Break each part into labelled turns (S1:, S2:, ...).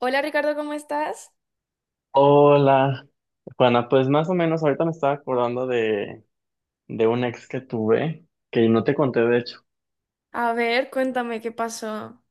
S1: Hola Ricardo, ¿cómo estás?
S2: Hola, Juana, pues más o menos ahorita me estaba acordando de un ex que tuve, que no te conté de hecho.
S1: A ver, cuéntame qué pasó.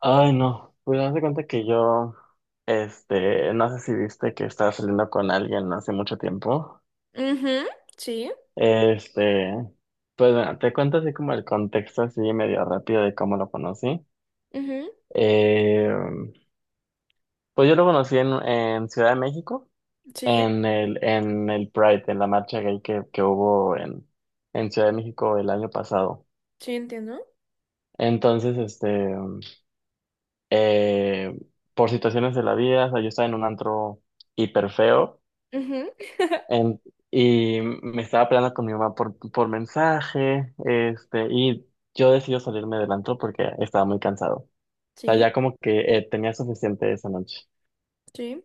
S2: Ay, no, pues haz de cuenta que yo, no sé si viste que estaba saliendo con alguien hace mucho tiempo.
S1: Ujú, sí,
S2: Este, pues bueno, te cuento así como el contexto así medio rápido de cómo lo conocí.
S1: ujú,
S2: Eh, pues yo lo conocí en Ciudad de México,
S1: sí,
S2: en el Pride, en la marcha gay que hubo en Ciudad de México el año pasado.
S1: sí, entiendo.
S2: Entonces, eh, por situaciones de la vida, o sea, yo estaba en un antro hiper feo,
S1: Ujú,
S2: en- y me estaba peleando con mi mamá por mensaje, y yo decidí salirme del antro porque estaba muy cansado. O sea,
S1: sí,
S2: ya como que tenía suficiente esa noche.
S1: sí,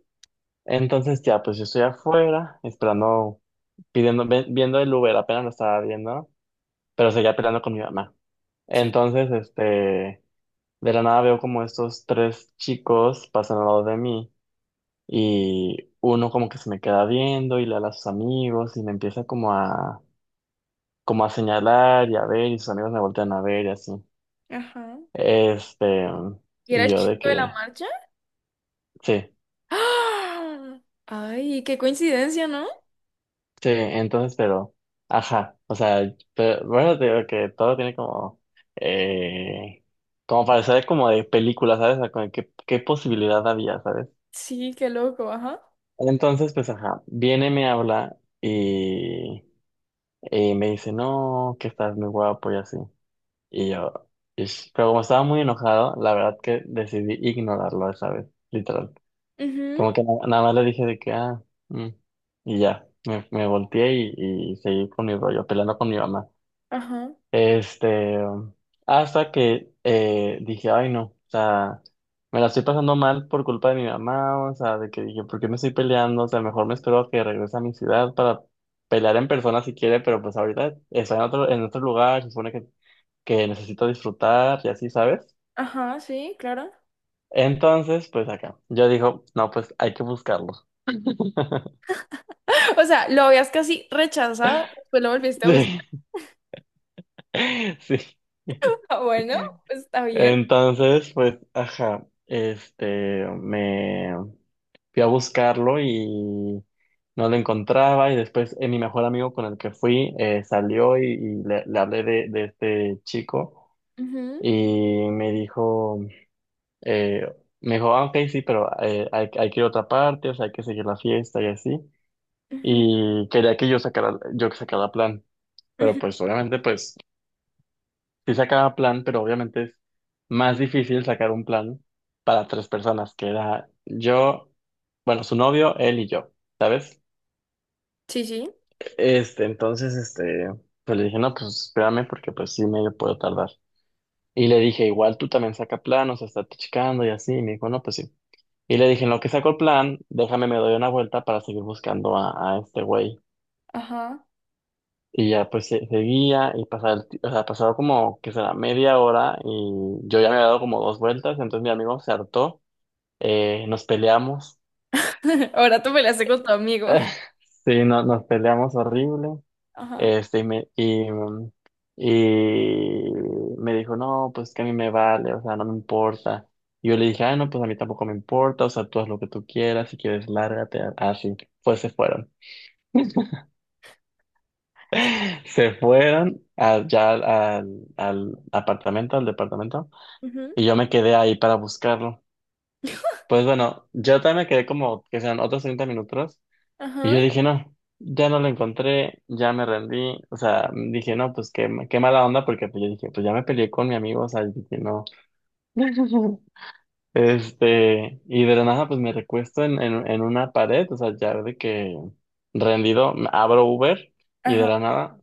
S2: Entonces ya, pues yo estoy afuera, esperando, pidiendo, viendo el Uber, apenas lo estaba viendo, pero seguía peleando con mi mamá.
S1: sí.
S2: Entonces, de la nada veo como estos tres chicos pasan al lado de mí y uno como que se me queda viendo y le habla a sus amigos y me empieza como a señalar y a ver, y sus amigos me voltean a ver y así.
S1: Ajá.
S2: Este,
S1: ¿Y era
S2: y
S1: el
S2: yo
S1: chico
S2: de
S1: de la
S2: que,
S1: marcha?
S2: sí.
S1: ¡Ah! Ay, qué coincidencia, ¿no?
S2: Sí, entonces, pero, ajá, o sea, pero, bueno, te digo que todo tiene como, eh, como parecer como de película, ¿sabes? O sea, como de ¿Qué posibilidad había, ¿sabes?
S1: Sí, qué loco, ajá.
S2: Entonces, pues, ajá, viene, me habla, y me dice, no, que estás muy guapo y así. Y yo, "Ish", pero como estaba muy enojado, la verdad que decidí ignorarlo esa vez, literal.
S1: Ujú,
S2: Como que nada más le dije de que, "ah, mm", y ya, me volteé y seguí con mi rollo, peleando con mi mamá.
S1: ajá,
S2: Este, Hasta que dije, ay no, o sea, me la estoy pasando mal por culpa de mi mamá, o sea, de que dije, ¿por qué me estoy peleando? O sea, mejor me espero a que regrese a mi ciudad para pelear en persona si quiere, pero pues ahorita está en otro lugar, se supone que necesito disfrutar y así, ¿sabes?
S1: ajá, sí, claro.
S2: Entonces, pues acá, yo digo, no, pues hay que buscarlo.
S1: O sea, lo habías casi rechazado, después lo volviste a usar.
S2: Sí, sí.
S1: Bueno, pues está bien.
S2: Entonces, pues, ajá, me fui a buscarlo y no lo encontraba, y después mi mejor amigo con el que fui salió, y le hablé de este chico,
S1: Ujú,
S2: y me dijo, eh, ah, ok, sí, pero hay que ir a otra parte, o sea, hay que seguir la fiesta y así.
S1: ujú,
S2: Y quería que yo que sacara plan, pero
S1: ujú.
S2: pues obviamente, pues sí sacaba plan, pero obviamente es más difícil sacar un plan para tres personas, que era yo, bueno, su novio, él y yo, ¿sabes?
S1: Sí, sí.
S2: Entonces, pues le dije, no, pues espérame porque pues sí medio puedo tardar. Y le dije, igual tú también saca plan, o sea, estate checando y así. Y me dijo, no, pues sí. Y le dije, en lo que saco el plan, déjame me doy una vuelta para seguir buscando a este güey.
S1: Ajá.
S2: Y ya pues seguía y pasaba, o sea, pasaba como que será media hora y yo ya me había dado como dos vueltas, entonces mi amigo se hartó, nos peleamos.
S1: Ahora tú me la haces con tu amigo.
S2: Sí, nos peleamos horrible,
S1: Ajá.
S2: este, y me, y, mm, y me dijo, no, pues que a mí me vale, o sea, no me importa. Y yo le dije, ah, no, pues a mí tampoco me importa, o sea, tú haz lo que tú quieras, si quieres, lárgate, así, pues se fueron.
S1: Sí.
S2: Se fueron allá al apartamento, al departamento.
S1: Ujú,
S2: Y yo me quedé ahí para buscarlo. Pues bueno, yo también me quedé como que sean otros 30 minutos. Y yo
S1: ajá.
S2: dije, no, ya no lo encontré, ya me rendí. O sea, dije, no, pues qué mala onda, porque pues yo dije, pues ya me peleé con mi amigo, o sea, yo dije, no. Y de la nada, pues me recuesto en una pared, o sea, ya de que rendido, abro Uber y de
S1: Ajá.
S2: la nada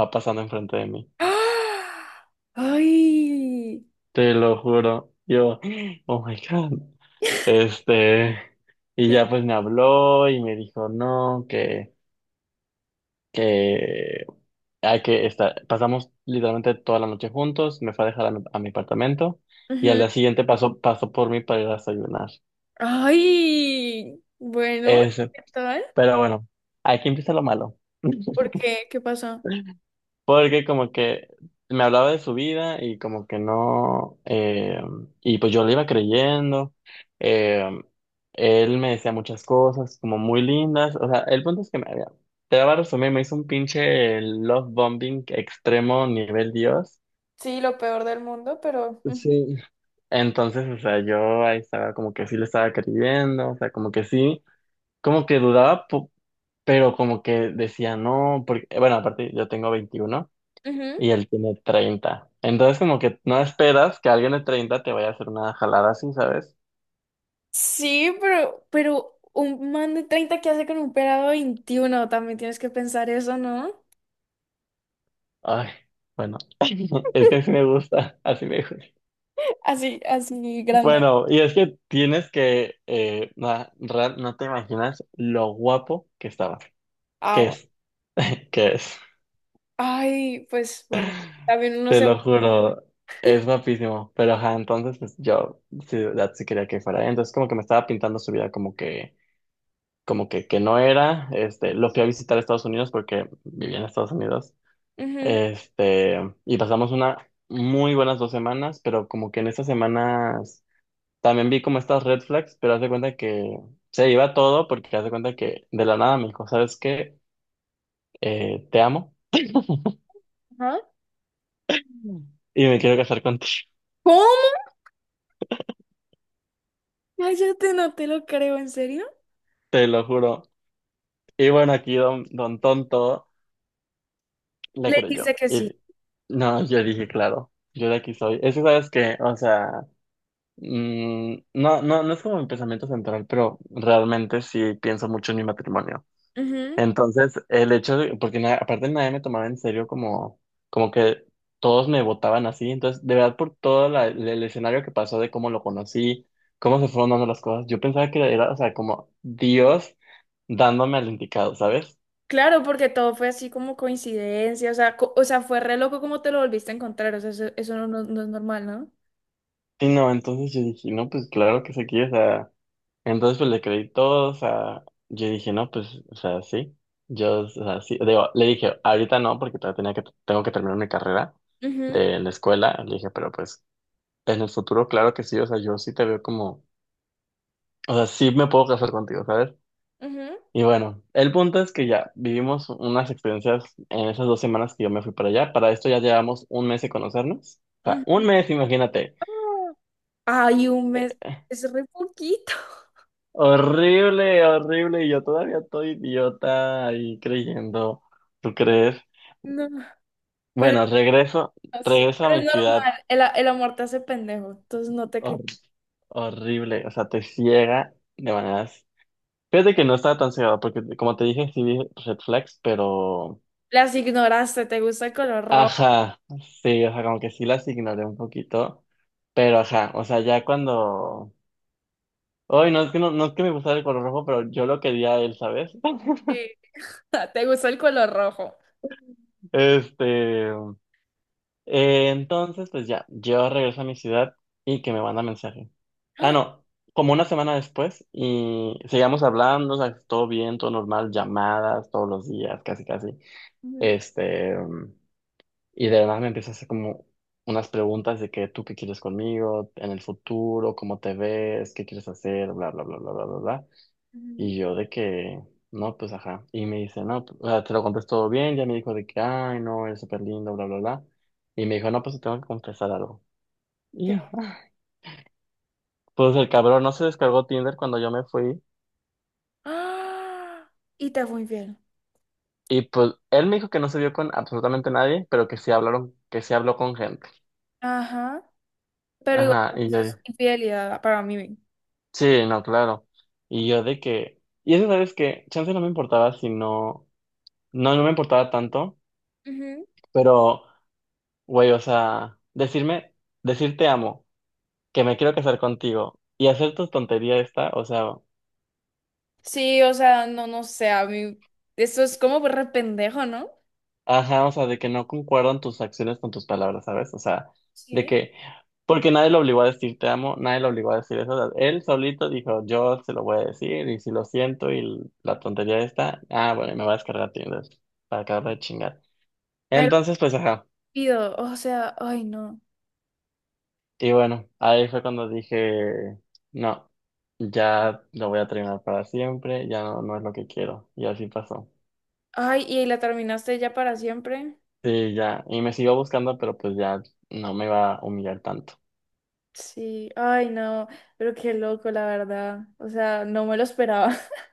S2: va pasando enfrente de mí.
S1: ¡Ah! ¡Ay!
S2: Te lo juro. Yo, oh my God. Este, y
S1: Te-
S2: ya pues me habló y me dijo, no, que hay que estar, pasamos literalmente toda la noche juntos, me fue a dejar a mi, apartamento, y al
S1: ujú.
S2: día siguiente pasó por mí para ir a desayunar.
S1: ¡Ay! Bueno,
S2: Ese,
S1: ¿qué tal?
S2: pero bueno, aquí empieza lo malo,
S1: ¿Por qué? ¿Qué pasó?
S2: porque como que me hablaba de su vida y como que no, y pues yo le iba creyendo, eh, él me decía muchas cosas como muy lindas, o sea, el punto es que me había, te voy a resumir, me hizo un pinche love bombing extremo nivel Dios.
S1: Sí, lo peor del mundo, mm,
S2: Sí. Entonces, o sea, yo ahí estaba como que sí le estaba creyendo, o sea, como que sí, como que dudaba, pero como que decía no, porque, bueno, aparte yo tengo 21
S1: ujú.
S2: y él tiene 30. Entonces como que no esperas que alguien de 30 te vaya a hacer una jalada así, ¿sabes?
S1: Sí, pero un man de 30 que hace con un pelado de 21, también tienes que pensar eso, ¿no?
S2: Ay, bueno, es que así me gusta, así me gusta.
S1: Así, así grande.
S2: Bueno, y es que tienes que, no, te imaginas lo guapo que estaba,
S1: Ah,
S2: que
S1: bueno.
S2: es, que es,
S1: Ay, pues bueno, también uno
S2: te
S1: se...
S2: lo juro, es guapísimo, pero ajá, entonces pues, yo sí, de verdad sí quería que fuera, entonces como que me estaba pintando su vida como que, que no era, lo fui a visitar a Estados Unidos porque vivía en Estados Unidos.
S1: Ujú,
S2: Y pasamos una muy buenas 2 semanas, pero como que en estas semanas también vi como estas red flags, pero haz de cuenta que se iba todo, porque haz de cuenta que de la nada me dijo, ¿sabes qué? Te amo
S1: ajá.
S2: y me quiero casar contigo,
S1: ¿Cómo? Cállate, no te lo creo, ¿en serio?
S2: te lo juro. Y bueno, aquí don Tonto
S1: Le
S2: le creyó.
S1: dijiste que
S2: Y
S1: sí.
S2: no, yo dije, claro, yo de aquí soy. Es que sabes que, o sea, no, no, no es como mi pensamiento central, pero realmente sí pienso mucho en mi matrimonio.
S1: Ujú.
S2: Entonces, el hecho de, porque aparte nadie me tomaba en serio como, que todos me votaban así, entonces, de verdad, por todo el escenario que pasó de cómo lo conocí, cómo se fueron dando las cosas, yo pensaba que era, o sea, como Dios dándome al indicado, ¿sabes?
S1: Claro, porque todo fue así como coincidencia, o sea, o sea, fue re loco como te lo volviste a encontrar, o sea, eso no, no es normal, ¿no?
S2: Sí no, entonces yo dije, no, pues claro que se quiere, o sea, entonces pues le creí todo, o sea, yo dije, no, pues, o sea, sí, yo, o sea, sí, digo, le dije, ahorita no, porque todavía tengo que terminar mi carrera
S1: Ujú,
S2: de la escuela. Le dije, pero pues en el futuro, claro que sí, o sea, yo sí te veo como, o sea, sí me puedo casar contigo, ¿sabes?
S1: ujú,
S2: Y bueno, el punto es que ya vivimos unas experiencias en esas 2 semanas que yo me fui para allá. Para esto ya llevamos un mes de conocernos. O sea,
S1: ujú.
S2: un mes, imagínate.
S1: No. Ay, un mes,
S2: Eh,
S1: es re poquito.
S2: horrible, horrible. Y yo todavía estoy idiota ahí creyendo. ¿Tú crees?
S1: No, pero
S2: Bueno,
S1: no, sí,
S2: regreso a
S1: pero es
S2: mi ciudad,
S1: normal, el amor te hace pendejo, entonces no te
S2: hor- horrible. O sea, te ciega de maneras. Fíjate que no estaba tan cegado porque, como te dije, sí vi red flags, pero
S1: Las ignoraste, te gusta el color rojo.
S2: ajá, sí, o sea, como que sí las ignoré un poquito, pero ajá, o sea, ya cuando... Ay, no es que me gustara el color rojo, pero yo lo quería a él, ¿sabes?
S1: Sí. Te gusta el color rojo.
S2: Este, entonces, pues ya, yo regreso a mi ciudad y que me manda mensaje. Ah, no, como una semana después, y seguíamos hablando, o sea, todo bien, todo normal, llamadas todos los días, casi, casi.
S1: Ujú,
S2: Este, Y de la nada me empieza a hacer como unas preguntas de que tú qué quieres conmigo, en el futuro, cómo te ves, qué quieres hacer, bla, bla, bla, bla, bla, bla, bla.
S1: ujú.
S2: Y yo de que, no, pues ajá. Y me dice, no, pues, o sea, te lo contesto todo bien, ya me dijo de que, ay, no, eres súper lindo, bla, bla, bla. Y me dijo, no, pues te tengo que confesar algo.
S1: ¿Qué?
S2: Y yo, "Ah". Pues el cabrón no se descargó Tinder cuando yo me fui.
S1: ¡Ah! Y te fue infiel.
S2: Y pues él me dijo que no se vio con absolutamente nadie, pero que sí hablaron, que sí habló con gente.
S1: Ajá, pero igual
S2: Ajá, y yo,
S1: eso es infidelidad para mí.
S2: sí, no, claro. Y yo de que, y eso sabes que, chance no me importaba, si no, no me importaba tanto,
S1: Ujú.
S2: pero, güey, o sea, decir te amo, que me quiero casar contigo y hacer tu tontería esta, o sea,
S1: Sí, o sea, no, no sé, a mí eso es como re pendejo, ¿no?
S2: ajá, o sea, de que no concuerdan tus acciones con tus palabras, ¿sabes? O sea, de
S1: Sí.
S2: que, porque nadie lo obligó a decir te amo, nadie lo obligó a decir eso, o sea, él solito dijo, yo se lo voy a decir y si lo siento y la tontería esta, ah, bueno, me va a descargar Tinder para acabar de chingar.
S1: Pero
S2: Entonces, pues, ajá.
S1: pido, o sea, ay no.
S2: Y bueno, ahí fue cuando dije, no, ya lo voy a terminar para siempre, ya no, no es lo que quiero. Y así pasó.
S1: Ay, y la terminaste ya para siempre.
S2: Sí, ya. Y me siguió buscando, pero pues ya no me va a humillar tanto.
S1: Sí, ay no, pero qué loco, la verdad. O sea, no me lo esperaba.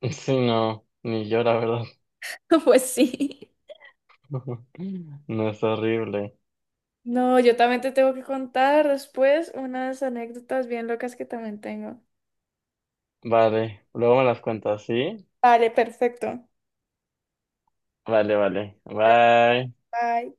S2: Sí, no, ni yo, la verdad.
S1: Pues sí.
S2: No es horrible.
S1: No, yo también te tengo que contar después unas anécdotas bien locas que también tengo.
S2: Vale, luego me las cuentas, ¿sí?
S1: Vale, perfecto.
S2: Vale, vale. Bye.
S1: Bye.